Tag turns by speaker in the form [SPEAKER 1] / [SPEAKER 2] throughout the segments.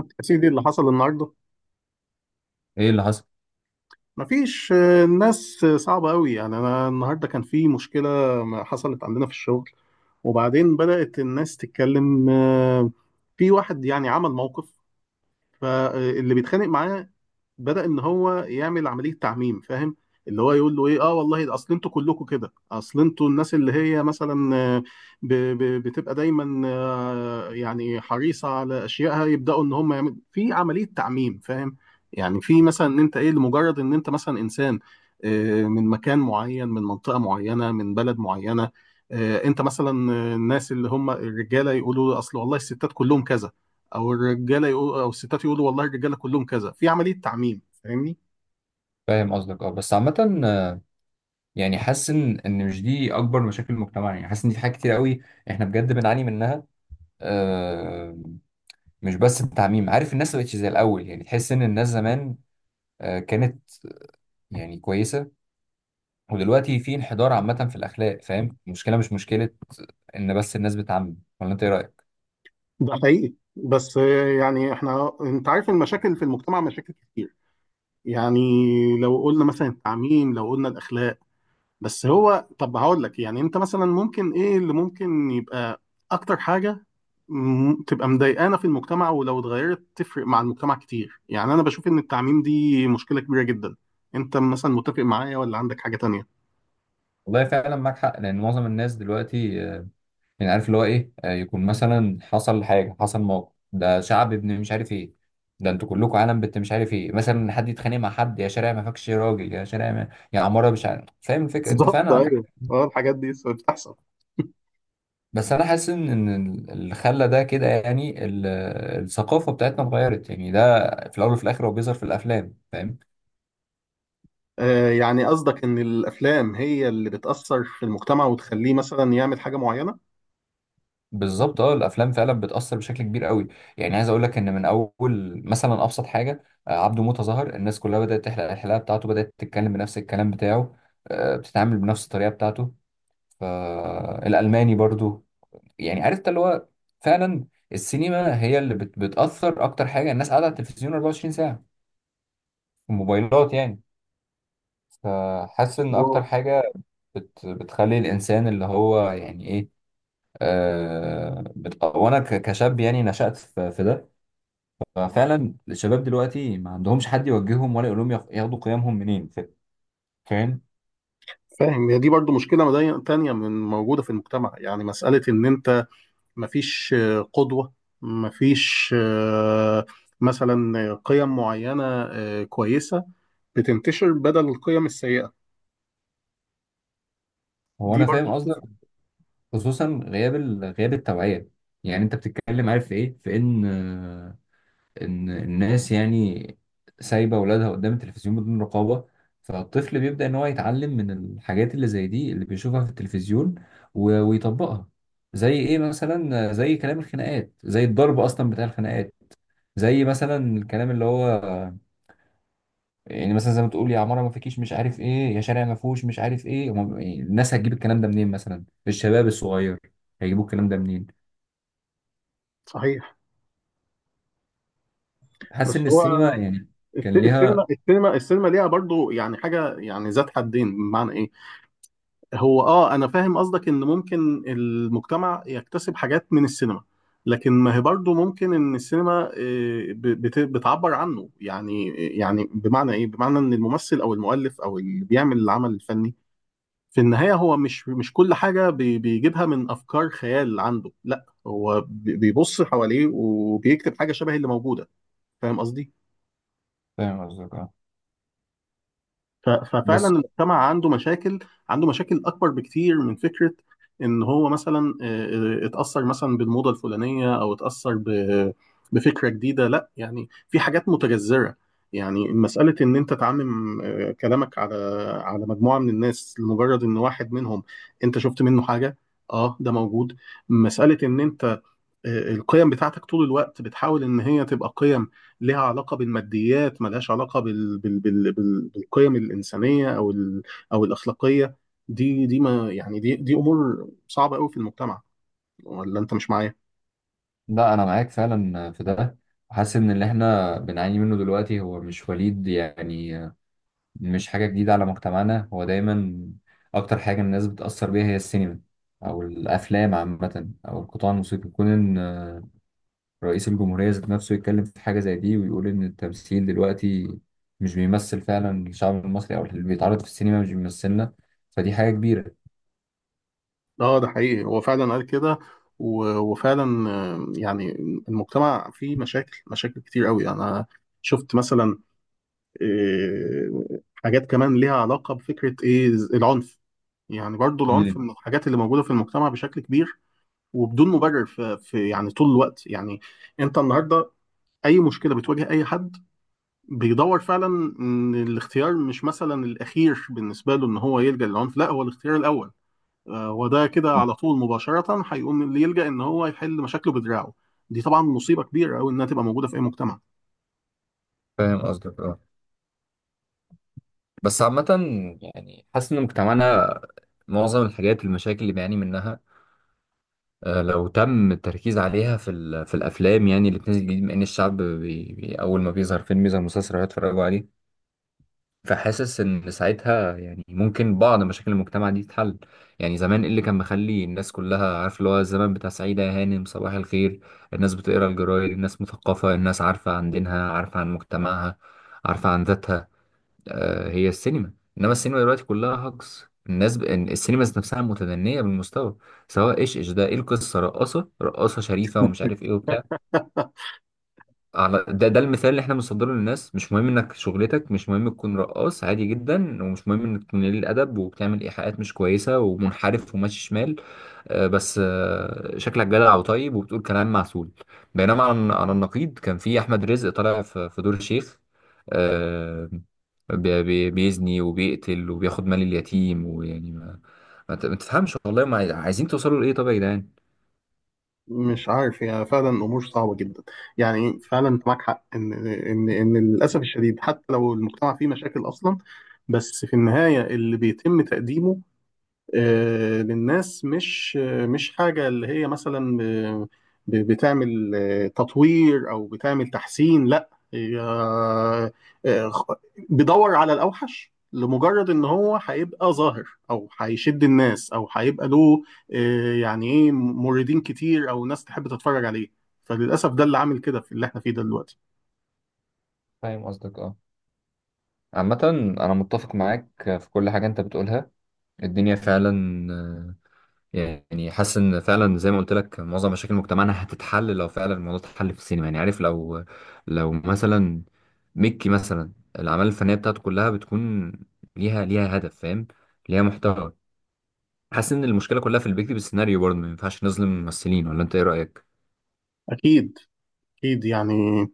[SPEAKER 1] يا سيدي، اللي حصل النهارده.
[SPEAKER 2] ايه اللي حصل؟
[SPEAKER 1] مفيش، الناس صعبة قوي. يعني انا النهارده كان في مشكلة ما حصلت عندنا في الشغل. وبعدين بدأت الناس تتكلم، في واحد يعني عمل موقف. فاللي بيتخانق معاه بدأ ان هو يعمل عملية تعميم، فاهم؟ اللي هو يقول له ايه، اه والله ده اصل انتوا كلكم كده، اصل انتوا الناس اللي هي مثلا بتبقى دايما يعني حريصة على اشيائها، يبدأوا ان هم يعملوا في عملية تعميم، فاهم؟ يعني في مثلا ان انت ايه، لمجرد ان انت مثلا انسان من مكان معين، من منطقة معينة، من بلد معينة، انت مثلا الناس اللي هم الرجالة يقولوا اصل والله الستات كلهم كذا، او الرجاله يقول، او الستات يقولوا والله الرجاله كلهم كذا، في عمليه تعميم، فاهمني؟
[SPEAKER 2] فاهم قصدك، اه. بس عامة، آه، يعني حاسس ان ان مش دي اكبر مشاكل المجتمع. يعني حاسس ان في حاجات كتير قوي احنا بجد بنعاني منها. آه مش بس التعميم، عارف. الناس ما بقتش زي الاول، يعني تحس ان الناس زمان كانت يعني كويسة، ودلوقتي في انحدار عامة في الاخلاق، فاهم؟ المشكلة مش مشكلة ان بس الناس بتعمم، ولا انت ايه رأيك؟
[SPEAKER 1] ده حقيقي، بس يعني احنا انت عارف المشاكل في المجتمع مشاكل كتير. يعني لو قلنا مثلا التعميم، لو قلنا الاخلاق، بس هو طب هقول لك يعني انت مثلا ممكن ايه اللي ممكن يبقى اكتر حاجه م- تبقى مضايقانا في المجتمع، ولو اتغيرت تفرق مع المجتمع كتير. يعني انا بشوف ان التعميم دي مشكله كبيره جدا. انت مثلا متفق معايا ولا عندك حاجه تانية؟
[SPEAKER 2] والله فعلا معاك حق، لان معظم الناس دلوقتي، يعني عارف اللي هو ايه، يكون مثلا حصل حاجه، حصل موقف، ده شعب ابن مش عارف ايه، ده انتوا كلكم عالم بنت مش عارف ايه. مثلا حد يتخانق مع حد: يا شارع ما فيكش راجل، يا شارع ما، يا عماره مش عارف. فاهم الفكره؟ انت
[SPEAKER 1] بالظبط،
[SPEAKER 2] فعلا عندك حق.
[SPEAKER 1] ايوه، اه، الحاجات دي بتحصل.
[SPEAKER 2] بس انا حاسس ان إن اللي خلى ده كده يعني الثقافه بتاعتنا اتغيرت. يعني ده في الاول وفي الاخر هو بيظهر في الافلام، فاهم؟
[SPEAKER 1] آه، يعني قصدك ان الافلام هي اللي بتاثر في المجتمع وتخليه مثلا يعمل حاجه معينه؟
[SPEAKER 2] بالظبط، اه. الافلام فعلا بتاثر بشكل كبير قوي. يعني عايز اقول لك ان من اول مثلا ابسط حاجه، عبده موته، ظهر الناس كلها بدات تحلق الحلاقه بتاعته، بدات تتكلم بنفس الكلام بتاعه، بتتعامل بنفس الطريقه بتاعته. فالالماني برضو، يعني عرفت اللي هو. فعلا السينما هي اللي بتاثر اكتر حاجه. الناس قاعده على التلفزيون 24 ساعه، الموبايلات، يعني. فحاسس
[SPEAKER 1] بس
[SPEAKER 2] ان اكتر
[SPEAKER 1] هو.
[SPEAKER 2] حاجه بتخلي الانسان اللي هو يعني ايه، وانا كشاب يعني نشأت في ده. ففعلا الشباب دلوقتي ما عندهمش حد يوجههم ولا يقول لهم ياخدوا قيمهم منين. فاهم؟
[SPEAKER 1] فاهم، هي دي برضو مشكله تانية من موجوده في المجتمع، يعني مساله ان انت مفيش قدوه، مفيش مثلا قيم معينه كويسه بتنتشر بدل القيم السيئه.
[SPEAKER 2] هو
[SPEAKER 1] دي
[SPEAKER 2] انا
[SPEAKER 1] برضو
[SPEAKER 2] فاهم قصدك.
[SPEAKER 1] بتفرق.
[SPEAKER 2] خصوصا غياب غياب التوعيه. يعني انت بتتكلم، عارف في ايه؟ في ان، ان الناس يعني سايبه اولادها قدام التلفزيون بدون رقابه، فالطفل بيبدا ان هو يتعلم من الحاجات اللي زي دي اللي بيشوفها في التلفزيون ويطبقها. زي ايه مثلا؟ زي كلام الخناقات، زي الضرب اصلا بتاع الخناقات، زي مثلا الكلام اللي هو يعني مثلا زي ما تقول يا عماره ما فيكيش مش عارف ايه، يا شارع ما فيهوش مش عارف ايه. يعني الناس هتجيب الكلام ده منين؟ مثلا الشباب الصغير هيجيبوا الكلام ده منين؟
[SPEAKER 1] صحيح.
[SPEAKER 2] حاسس
[SPEAKER 1] بس
[SPEAKER 2] ان
[SPEAKER 1] هو
[SPEAKER 2] السينما يعني
[SPEAKER 1] الس-
[SPEAKER 2] كان
[SPEAKER 1] السينما
[SPEAKER 2] ليها.
[SPEAKER 1] السينما السينما ليها برضو يعني حاجه، يعني ذات حدين، بمعنى ايه؟ هو اه انا فاهم قصدك ان ممكن المجتمع يكتسب حاجات من السينما، لكن ما هي برضه ممكن ان السينما بتعبر عنه. يعني يعني بمعنى ايه، بمعنى ان الممثل او المؤلف او اللي بيعمل العمل الفني في النهاية هو مش كل حاجة بيجيبها من افكار خيال عنده. لا، هو بيبص حواليه وبيكتب حاجة شبه اللي موجودة. فاهم قصدي؟
[SPEAKER 2] فاهم قصدك، اه.
[SPEAKER 1] ففعلا
[SPEAKER 2] بس
[SPEAKER 1] المجتمع عنده مشاكل، عنده مشاكل اكبر بكتير من فكره ان هو مثلا اتاثر مثلا بالموضه الفلانيه او اتاثر بفكره جديده. لا، يعني في حاجات متجذره. يعني مساله ان انت تعمم كلامك على مجموعه من الناس لمجرد ان واحد منهم انت شفت منه حاجه. اه، ده موجود. مساله ان انت القيم بتاعتك طول الوقت بتحاول ان هي تبقى قيم لها علاقه بالماديات، ملهاش علاقه بالقيم الانسانيه او او الاخلاقيه. دي ما يعني دي امور صعبه قوي في المجتمع. ولا انت مش معايا؟
[SPEAKER 2] لا، انا معاك فعلا في ده. حاسس ان اللي احنا بنعاني منه دلوقتي هو مش وليد، يعني مش حاجه جديده على مجتمعنا. هو دايما اكتر حاجه الناس بتاثر بيها هي السينما او الافلام عامه او القطاع الموسيقي. كون ان رئيس الجمهورية ذات نفسه يتكلم في حاجة زي دي ويقول إن التمثيل دلوقتي مش بيمثل فعلا الشعب المصري، أو اللي بيتعرض في السينما مش بيمثلنا، فدي حاجة كبيرة.
[SPEAKER 1] اه، ده حقيقي، هو فعلا قال كده. وفعلا يعني المجتمع فيه مشاكل، مشاكل كتير قوي. انا شفت مثلا حاجات كمان ليها علاقه بفكره ايه؟ العنف. يعني برضو العنف
[SPEAKER 2] مم.
[SPEAKER 1] من الحاجات اللي موجوده في المجتمع بشكل كبير وبدون مبرر. في يعني طول الوقت، يعني انت النهارده اي مشكله بتواجه اي حد بيدور فعلا ان الاختيار مش مثلا الاخير بالنسبه له ان هو يلجا للعنف، لا هو الاختيار الاول. وده كده على طول مباشره هيقوم اللي يلجا ان هو يحل مشاكله بدراعه. دي طبعا مصيبه كبيره قوي انها تبقى موجوده في اي مجتمع.
[SPEAKER 2] فاهم قصدك، اه. بس عامة، يعني حاسس إن مجتمعنا معظم الحاجات، المشاكل اللي بيعاني منها، لو تم التركيز عليها في في الأفلام يعني اللي بتنزل جديد، مع إن الشعب بي أول ما بيظهر فيلم يظهر مسلسل هيتفرجوا عليه. فحاسس ان ساعتها يعني ممكن بعض مشاكل المجتمع دي تتحل. يعني زمان إيه اللي كان مخلي الناس كلها، عارف اللي هو، الزمن بتاع سعيدة يا هانم صباح الخير. الناس بتقرا الجرايد، الناس مثقفة، الناس عارفة عن دينها، عارفة عن مجتمعها، عارفة عن ذاتها. آه، هي السينما. انما السينما دلوقتي كلها هجص. الناس إن السينما ذات نفسها متدنية بالمستوى. سواء ايش ده، ايه القصة؟ رقاصة شريفة ومش عارف ايه وبتاع. على ده، ده المثال اللي احنا بنصدره للناس: مش مهم انك شغلتك، مش مهم تكون رقاص عادي جدا، ومش مهم انك تكون قليل الادب وبتعمل ايحاءات مش كويسه ومنحرف وماشي شمال، آه، بس آه، شكلك جدع وطيب وبتقول كلام معسول. بينما على النقيض كان في احمد رزق طالع في دور الشيخ، آه، بيزني وبيقتل وبياخد مال اليتيم ويعني ما تفهمش والله ما عايزين توصلوا لايه طب يا جدعان؟
[SPEAKER 1] مش عارف، هي فعلا امور صعبه جدا. يعني فعلا انت معاك حق ان للاسف الشديد حتى لو المجتمع فيه مشاكل اصلا، بس في النهايه اللي بيتم تقديمه للناس مش مش حاجة اللي هي مثلا بتعمل تطوير، أو بتعمل تحسين. لا، هي آه، خ- بيدور على الأوحش لمجرد إن هو هيبقى ظاهر، أو هيشد الناس، أو هيبقى له يعني إيه، موردين كتير، أو ناس تحب تتفرج عليه. فللأسف، ده اللي عامل كده في اللي إحنا فيه ده دلوقتي.
[SPEAKER 2] فاهم قصدك، اه. عامة أنا متفق معاك في كل حاجة أنت بتقولها. الدنيا فعلا، آه، يعني حاسس ان فعلا زي ما قلت لك، معظم مشاكل مجتمعنا هتتحل لو فعلا الموضوع اتحل في السينما. يعني عارف، لو مثلا ميكي مثلا، الاعمال الفنيه بتاعته كلها بتكون ليها هدف، فاهم، ليها محتوى. حاسس ان المشكله كلها في اللي بيكتب السيناريو، برضه ما ينفعش نظلم الممثلين، ولا انت ايه رايك؟
[SPEAKER 1] أكيد، أكيد. يعني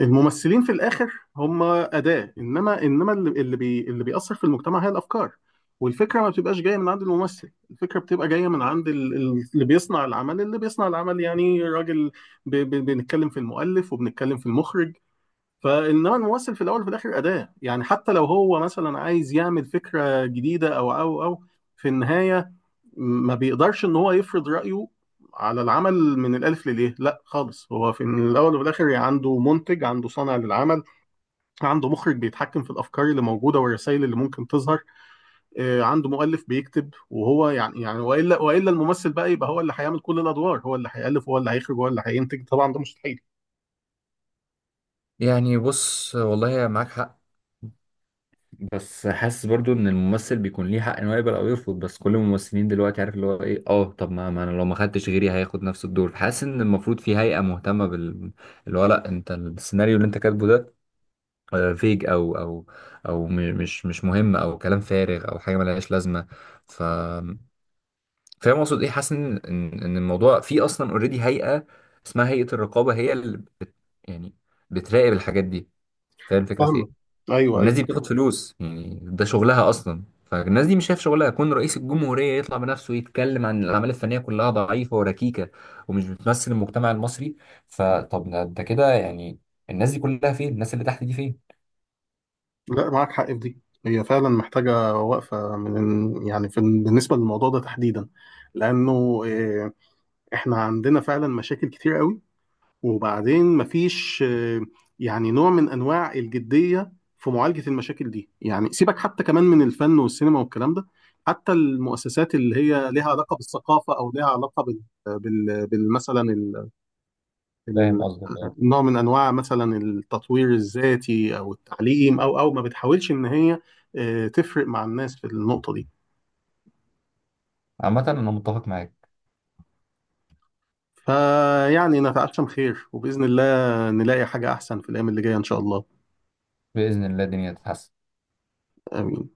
[SPEAKER 1] الممثلين في الاخر هم اداه، انما اللي بيأثر في المجتمع هي الافكار. والفكره ما بتبقاش جايه من عند الممثل، الفكره بتبقى جايه من عند اللي بيصنع العمل، اللي بيصنع العمل يعني راجل. بنتكلم في المؤلف وبنتكلم في المخرج. فانما الممثل في الاول وفي الاخر اداه. يعني حتى لو هو مثلا عايز يعمل فكره جديده او في النهايه ما بيقدرش ان هو يفرض رايه على العمل من الالف لليه. لا خالص، هو في من الاول وفي الاخر عنده منتج، عنده صانع للعمل، عنده مخرج بيتحكم في الافكار اللي موجوده والرسائل اللي ممكن تظهر، عنده مؤلف بيكتب. وهو يعني يعني والا الممثل بقى يبقى هو اللي هيعمل كل الادوار، هو اللي هيالف، هو اللي هيخرج، هو اللي هينتج؟ طبعا ده مستحيل.
[SPEAKER 2] يعني بص، والله معاك حق، بس حاسس برضو ان الممثل بيكون ليه حق ان هو يقبل او يرفض. بس كل الممثلين دلوقتي عارف اللي هو ايه، اه طب ما, ما انا لو ما خدتش غيري هياخد نفس الدور. فحاسس ان المفروض في هيئة مهتمة بال، اللي هو لا انت السيناريو اللي انت كاتبه ده فيك او او مش مهم، او كلام فارغ، او حاجه ملهاش لازمه. ف فاهم اقصد ايه؟ حاسس ان إن الموضوع في اصلا اوريدي هيئه اسمها هيئه الرقابه، هي اللي بت... يعني بتراقب الحاجات دي. فاهم الفكره في
[SPEAKER 1] فاهمه.
[SPEAKER 2] ايه؟
[SPEAKER 1] ايوه،
[SPEAKER 2] والناس
[SPEAKER 1] ايوه.
[SPEAKER 2] دي بتاخد فلوس، يعني ده شغلها اصلا. فالناس دي مش شايف شغلها يكون رئيس الجمهورية يطلع بنفسه يتكلم عن الأعمال الفنية كلها ضعيفة وركيكة ومش بتمثل المجتمع المصري؟ فطب ده انت كده يعني، الناس دي كلها فين؟ الناس اللي تحت دي فين؟
[SPEAKER 1] لا، معاك حق في دي، هي فعلا محتاجه وقفه من، يعني في بالنسبه للموضوع ده تحديدا، لانه احنا عندنا فعلا مشاكل كتير قوي. وبعدين مفيش يعني نوع من انواع الجديه في معالجه المشاكل دي. يعني سيبك حتى كمان من الفن والسينما والكلام ده، حتى المؤسسات اللي هي لها علاقه بالثقافه او لها علاقه مثلا
[SPEAKER 2] فاهم
[SPEAKER 1] ال...
[SPEAKER 2] قصدك، اه.
[SPEAKER 1] نوع من انواع مثلا التطوير الذاتي او التعليم او ما بتحاولش ان هي تفرق مع الناس في النقطه دي.
[SPEAKER 2] عامة أنا متفق معاك.
[SPEAKER 1] فيعني نتعشم خير وباذن الله نلاقي حاجه احسن في الايام اللي جايه ان شاء الله.
[SPEAKER 2] بإذن الله الدنيا تتحسن.
[SPEAKER 1] امين.